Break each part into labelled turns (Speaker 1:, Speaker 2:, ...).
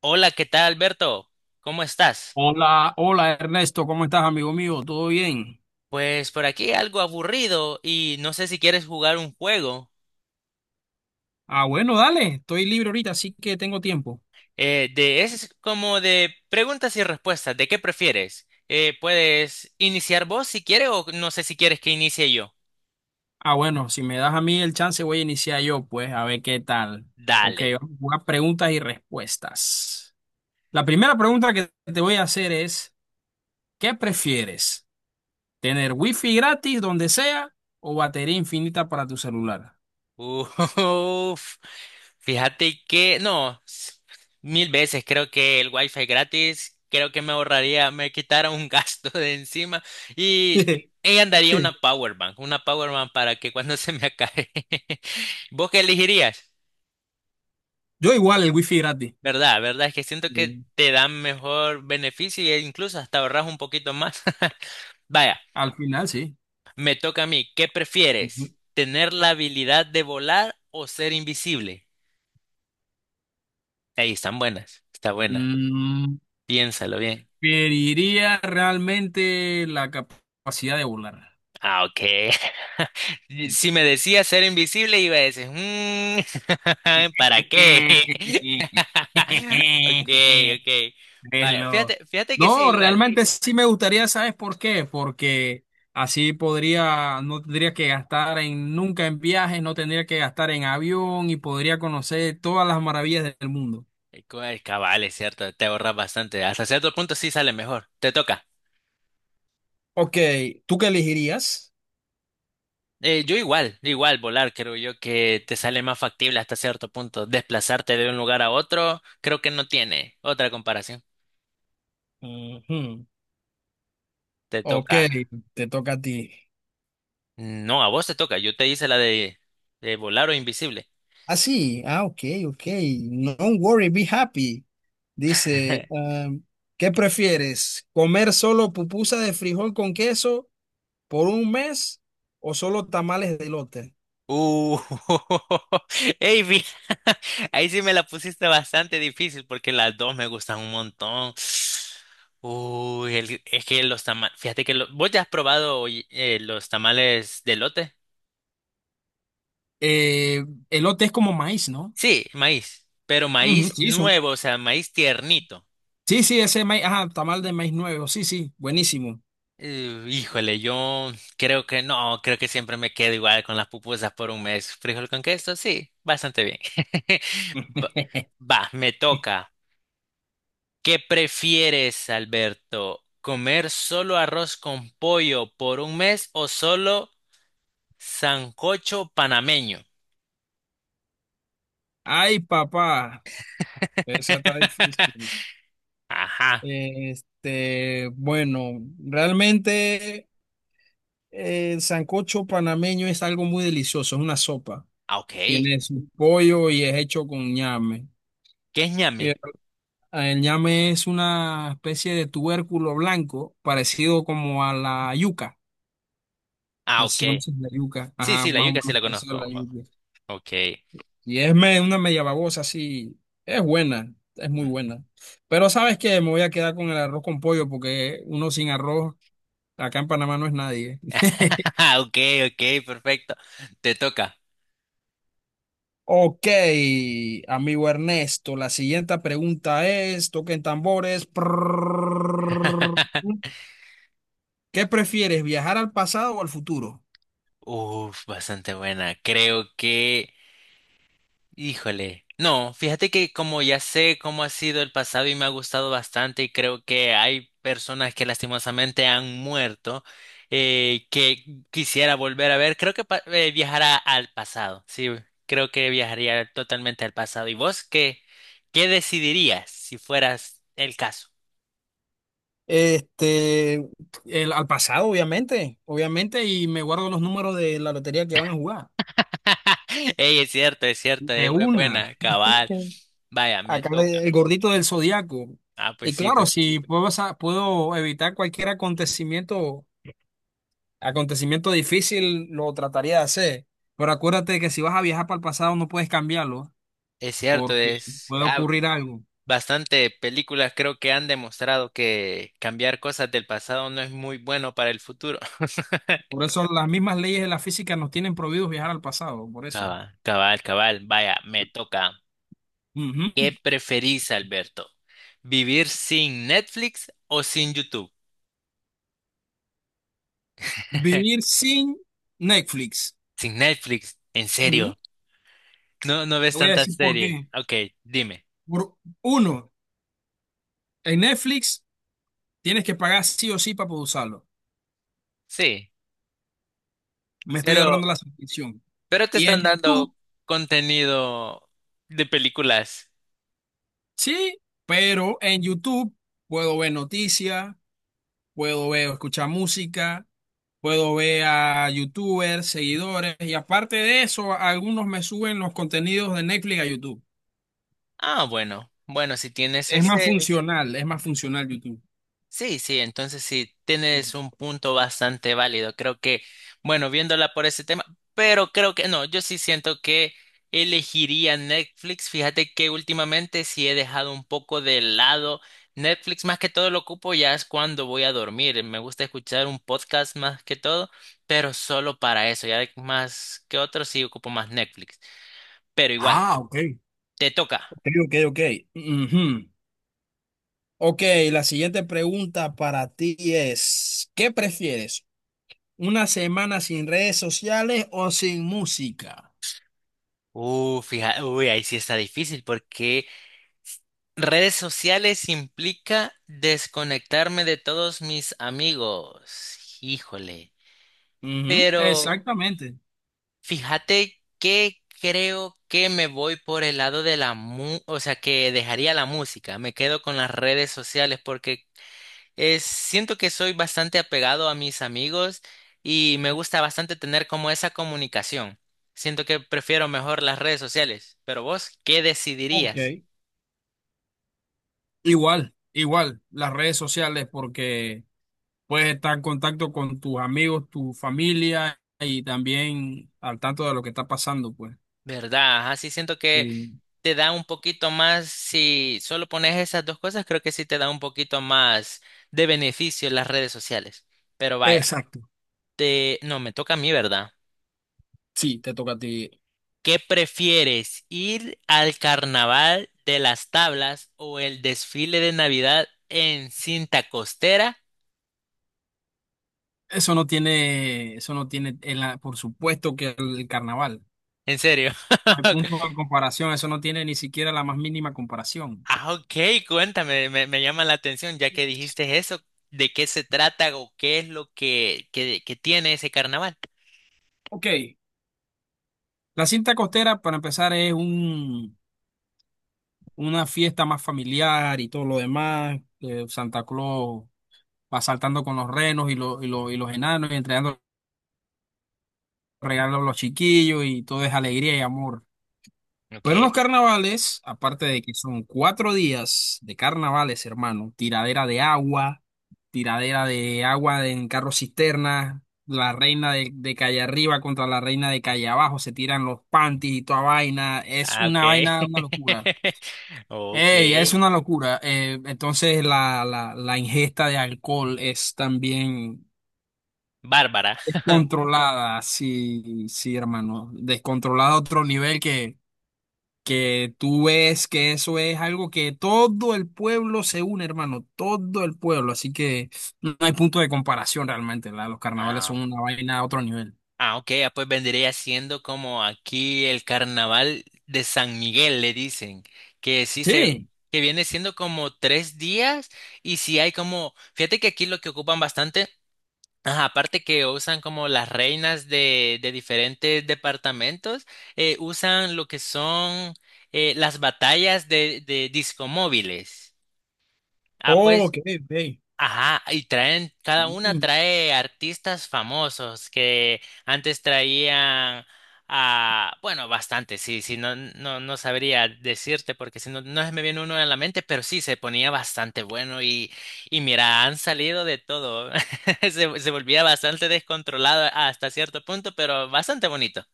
Speaker 1: Hola, ¿qué tal, Alberto? ¿Cómo estás?
Speaker 2: Hola, hola Ernesto, ¿cómo estás, amigo mío? ¿Todo bien?
Speaker 1: Pues por aquí algo aburrido y no sé si quieres jugar un juego.
Speaker 2: Ah, bueno, dale, estoy libre ahorita, así que tengo tiempo.
Speaker 1: Es como de preguntas y respuestas. ¿De qué prefieres? Puedes iniciar vos si quieres o no sé si quieres que inicie yo.
Speaker 2: Ah, bueno, si me das a mí el chance, voy a iniciar yo, pues, a ver qué tal. Ok,
Speaker 1: Dale.
Speaker 2: vamos a jugar preguntas y respuestas. La primera pregunta que te voy a hacer es, ¿qué prefieres? ¿Tener wifi gratis donde sea o batería infinita para tu celular?
Speaker 1: Uf, fíjate que no, 1.000 veces creo que el wifi gratis, creo que me ahorraría, me quitara un gasto de encima y ella andaría una power bank para que cuando se me acabe. ¿Vos qué elegirías?
Speaker 2: Yo igual el wifi gratis.
Speaker 1: ¿Verdad? ¿Verdad? Es que siento que
Speaker 2: Sí.
Speaker 1: te dan mejor beneficio e incluso hasta ahorras un poquito más. Vaya,
Speaker 2: Al final, sí.
Speaker 1: me toca a mí. ¿Qué prefieres? ¿Tener la habilidad de volar o ser invisible? Ahí están buenas, está buena.
Speaker 2: Ujú.
Speaker 1: Piénsalo bien.
Speaker 2: Preferiría realmente la capacidad de volar.
Speaker 1: Ah, ok. Si me decías ser invisible, iba a decir, "Mm, ¿para qué? Ok, ok". Vaya,
Speaker 2: Velo.
Speaker 1: fíjate, fíjate que sí,
Speaker 2: No,
Speaker 1: igual.
Speaker 2: realmente sí me gustaría, ¿sabes por qué? Porque así podría, no tendría que gastar en nunca en viajes, no tendría que gastar en avión y podría conocer todas las maravillas del mundo.
Speaker 1: Cabal, es cierto, te ahorras bastante. Hasta cierto punto sí sale mejor. Te toca.
Speaker 2: Ok, ¿tú qué elegirías?
Speaker 1: Yo igual, igual volar, creo yo que te sale más factible hasta cierto punto. Desplazarte de un lugar a otro, creo que no tiene otra comparación.
Speaker 2: Ujú.
Speaker 1: Te
Speaker 2: Ok,
Speaker 1: toca.
Speaker 2: te toca a ti.
Speaker 1: No, a vos te toca. Yo te hice la de volar o invisible.
Speaker 2: Ah, sí, ah, ok, ok. No worry, be happy. Dice, ¿qué prefieres? ¿Comer solo pupusa de frijol con queso por un mes o solo tamales de elote?
Speaker 1: Uh, ey, ahí sí me la pusiste bastante difícil porque las dos me gustan un montón. Uy, es que los tamales, fíjate que vos ya has probado oye, ¿los tamales de lote?
Speaker 2: Eh, elote es como maíz, ¿no?
Speaker 1: Sí, maíz, pero
Speaker 2: Ujú,
Speaker 1: maíz
Speaker 2: sí, son.
Speaker 1: nuevo, o sea, maíz tiernito.
Speaker 2: Sí, sí, ese maíz, ajá, tamal de maíz nuevo, sí, sí, buenísimo.
Speaker 1: Híjole, yo creo que no, creo que siempre me quedo igual con las pupusas por un mes. ¿Frijol con queso? Sí, bastante bien. Va, va, me toca. ¿Qué prefieres, Alberto? ¿Comer solo arroz con pollo por un mes o solo sancocho panameño?
Speaker 2: Ay, papá, esa está difícil.
Speaker 1: Ajá,
Speaker 2: Este, bueno, realmente el sancocho panameño es algo muy delicioso, es una sopa.
Speaker 1: ah, ok. ¿Qué
Speaker 2: Tiene su pollo y es hecho con ñame.
Speaker 1: es
Speaker 2: Eh,
Speaker 1: ñame?
Speaker 2: El ñame es una especie de tubérculo blanco parecido como a la yuca.
Speaker 1: Ah,
Speaker 2: No sé
Speaker 1: ok.
Speaker 2: si conoces la yuca.
Speaker 1: Sí,
Speaker 2: Ajá,
Speaker 1: sí, la
Speaker 2: más o
Speaker 1: yuca sí
Speaker 2: menos
Speaker 1: la
Speaker 2: parecido
Speaker 1: conozco.
Speaker 2: a la yuca.
Speaker 1: Ok.
Speaker 2: Y es me- una media babosa así. Es buena, es muy buena. Pero sabes que me voy a quedar con el arroz con pollo porque uno sin arroz acá en Panamá no es nadie.
Speaker 1: Ok, ok, perfecto. Te toca.
Speaker 2: Ok, amigo Ernesto, la siguiente pregunta es, toquen tambores. Prrrr. ¿Qué prefieres, viajar al pasado o al futuro?
Speaker 1: Uf, bastante buena. Creo que, híjole. No, fíjate que como ya sé cómo ha sido el pasado y me ha gustado bastante y creo que hay personas que lastimosamente han muerto que quisiera volver a ver, creo que viajará al pasado. Sí, creo que viajaría totalmente al pasado. ¿Y vos qué decidirías si fueras el caso?
Speaker 2: Este, al pasado, obviamente, obviamente, y me guardo los números de la lotería que van a jugar.
Speaker 1: Ey, es cierto, es cierto,
Speaker 2: De
Speaker 1: es bu-
Speaker 2: una.
Speaker 1: buena, cabal.
Speaker 2: Sí.
Speaker 1: Vaya, me
Speaker 2: Acá
Speaker 1: toca.
Speaker 2: el gordito del zodiaco.
Speaker 1: Ah, pues
Speaker 2: Y
Speaker 1: sí,
Speaker 2: claro,
Speaker 1: pues.
Speaker 2: si puedo, puedo evitar cualquier acontecimiento, acontecimiento difícil, lo trataría de hacer. Pero acuérdate que si vas a viajar para el pasado no puedes cambiarlo,
Speaker 1: Es cierto,
Speaker 2: porque puede ocurrir algo.
Speaker 1: bastante películas creo que han demostrado que cambiar cosas del pasado no es muy bueno para el futuro.
Speaker 2: Por eso las mismas leyes de la física nos tienen prohibidos viajar al pasado, por eso.
Speaker 1: Cabal, cabal, cabal. Vaya, me toca.
Speaker 2: Ujú.
Speaker 1: ¿Qué preferís, Alberto? ¿Vivir sin Netflix o sin YouTube?
Speaker 2: Vivir sin Netflix.
Speaker 1: Sin Netflix, ¿en
Speaker 2: Ujú.
Speaker 1: serio? No, no ves
Speaker 2: Te voy a
Speaker 1: tantas
Speaker 2: decir por
Speaker 1: series.
Speaker 2: qué.
Speaker 1: Ok, dime.
Speaker 2: Por uno, en Netflix tienes que pagar sí o sí para poder usarlo.
Speaker 1: Sí,
Speaker 2: Me estoy ahorrando
Speaker 1: pero,
Speaker 2: la suscripción.
Speaker 1: pero te
Speaker 2: Y en
Speaker 1: están dando
Speaker 2: YouTube,
Speaker 1: contenido de películas.
Speaker 2: sí, pero en YouTube puedo ver noticias, puedo ver, escuchar música, puedo ver a YouTubers, seguidores, y aparte de eso, algunos me suben los contenidos de Netflix a YouTube.
Speaker 1: Ah, bueno, bueno, si tienes ese,
Speaker 2: Es más funcional YouTube.
Speaker 1: sí, sí, entonces sí, tienes un punto bastante válido. Creo que, bueno, viéndola por ese tema, pero creo que no, yo sí siento que elegiría Netflix. Fíjate que últimamente sí he dejado un poco de lado Netflix, más que todo lo ocupo ya es cuando voy a dormir. Me gusta escuchar un podcast más que todo, pero solo para eso, ya más que otro sí ocupo más Netflix. Pero igual,
Speaker 2: Ah, ok.
Speaker 1: te toca.
Speaker 2: Ok, ok, ok. Ujú. Ok, la siguiente pregunta para ti es, ¿qué prefieres? ¿Una semana sin redes sociales o sin música?
Speaker 1: Fíjate, uy, ahí sí está difícil porque redes sociales implica desconectarme de todos mis amigos. Híjole.
Speaker 2: Ujú,
Speaker 1: Pero
Speaker 2: exactamente.
Speaker 1: fíjate que creo que me voy por el lado o sea, que dejaría la música. Me quedo con las redes sociales porque siento que soy bastante apegado a mis amigos y me gusta bastante tener como esa comunicación. Siento que prefiero mejor las redes sociales. Pero vos, ¿qué decidirías?
Speaker 2: Ok. Igual, igual, las redes sociales porque puedes estar en contacto con tus amigos, tu familia y también al tanto de lo que está pasando, pues.
Speaker 1: ¿Verdad? Ajá, sí siento que
Speaker 2: Sí.
Speaker 1: te da un poquito más, si solo pones esas dos cosas, creo que sí te da un poquito más de beneficio las redes sociales. Pero vaya,
Speaker 2: Exacto.
Speaker 1: no, me toca a mí, ¿verdad?
Speaker 2: Sí, te toca a ti.
Speaker 1: ¿Qué prefieres, ir al carnaval de las tablas o el desfile de Navidad en cinta costera?
Speaker 2: Eso no tiene, por supuesto que el carnaval.
Speaker 1: ¿En serio?
Speaker 2: No hay punto de comparación, eso no tiene ni siquiera la más mínima comparación.
Speaker 1: Ah, ok, cuéntame, me llama la atención ya que dijiste eso, ¿de qué se trata o qué es lo que tiene ese carnaval?
Speaker 2: Ok, la cinta costera, para empezar, es un, una fiesta más familiar y todo lo demás. Santa Claus va saltando con los renos y los enanos y entregando regalos a los chiquillos y todo es alegría y amor. Pero en los
Speaker 1: Ok.
Speaker 2: carnavales, aparte de que son cuatro días de carnavales, hermano, tiradera de agua en carro cisterna, la reina de calle arriba contra la reina de calle abajo, se tiran los panties y toda vaina, es
Speaker 1: Ah,
Speaker 2: una vaina,
Speaker 1: ok.
Speaker 2: una locura.
Speaker 1: Ok.
Speaker 2: Ey, es una locura. Entonces la, ingesta de alcohol es también
Speaker 1: Bárbara.
Speaker 2: descontrolada, sí, sí, hermano, descontrolada a otro nivel que tú ves que eso es algo que todo el pueblo se une, hermano, todo el pueblo, así que no hay punto de comparación realmente, los carnavales
Speaker 1: Ah,
Speaker 2: son una vaina a otro nivel.
Speaker 1: ah, ok. Pues vendría siendo como aquí el carnaval de San Miguel, le dicen. Que sí se.
Speaker 2: Sí,
Speaker 1: Que viene siendo como 3 días. Y si hay como. Fíjate que aquí lo que ocupan bastante. Ajá, aparte que usan como las reinas de diferentes departamentos, usan lo que son las batallas de discomóviles. Ah,
Speaker 2: oh,
Speaker 1: pues
Speaker 2: ok, ok.
Speaker 1: ajá, y traen, cada una
Speaker 2: Mm,
Speaker 1: trae artistas famosos que antes traían bueno, bastante, sí, sí, no, no, no sabría decirte porque si no, no se me viene uno en la mente, pero sí, se ponía bastante bueno y mira, han salido de todo. Se volvía bastante descontrolado hasta cierto punto, pero bastante bonito.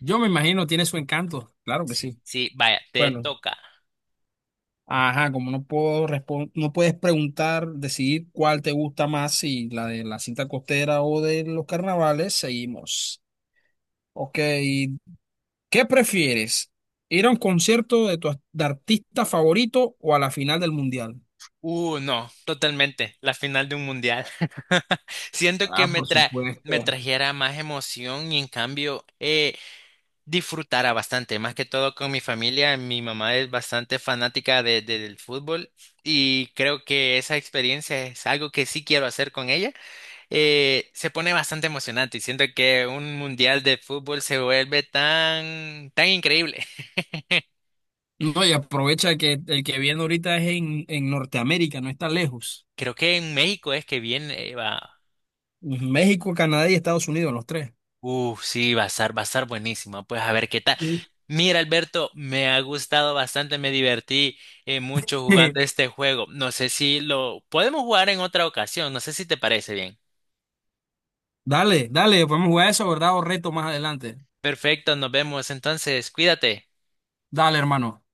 Speaker 2: yo me imagino tiene su encanto, claro que
Speaker 1: Sí,
Speaker 2: sí.
Speaker 1: sí, vaya, te
Speaker 2: Bueno,
Speaker 1: toca.
Speaker 2: ajá, como no puedo respon- no puedes preguntar, decidir cuál te gusta más, si la de la cinta costera o de los carnavales, seguimos. Ok, ¿qué prefieres? ¿Ir a un concierto de tu ar- de artista favorito o a la final del mundial?
Speaker 1: No, totalmente. La final de un mundial. Siento que
Speaker 2: Ah, por
Speaker 1: me
Speaker 2: supuesto.
Speaker 1: trajera más emoción y en cambio disfrutara bastante, más que todo con mi familia. Mi mamá es bastante fanática del fútbol y creo que esa experiencia es algo que sí quiero hacer con ella. Se pone bastante emocionante y siento que un mundial de fútbol se vuelve tan, tan increíble.
Speaker 2: No, y aprovecha que el que viene ahorita es en Norteamérica, no está lejos.
Speaker 1: Creo que en México es que viene, va.
Speaker 2: México, Canadá y Estados Unidos, los tres.
Speaker 1: Uf, sí, va a estar buenísima. Pues a ver qué tal.
Speaker 2: Sí.
Speaker 1: Mira, Alberto, me ha gustado bastante, me divertí mucho jugando este juego. No sé si lo podemos jugar en otra ocasión, no sé si te parece bien.
Speaker 2: Dale, dale, podemos jugar eso, ¿verdad? O reto más adelante.
Speaker 1: Perfecto, nos vemos entonces, cuídate.
Speaker 2: Dale, hermano.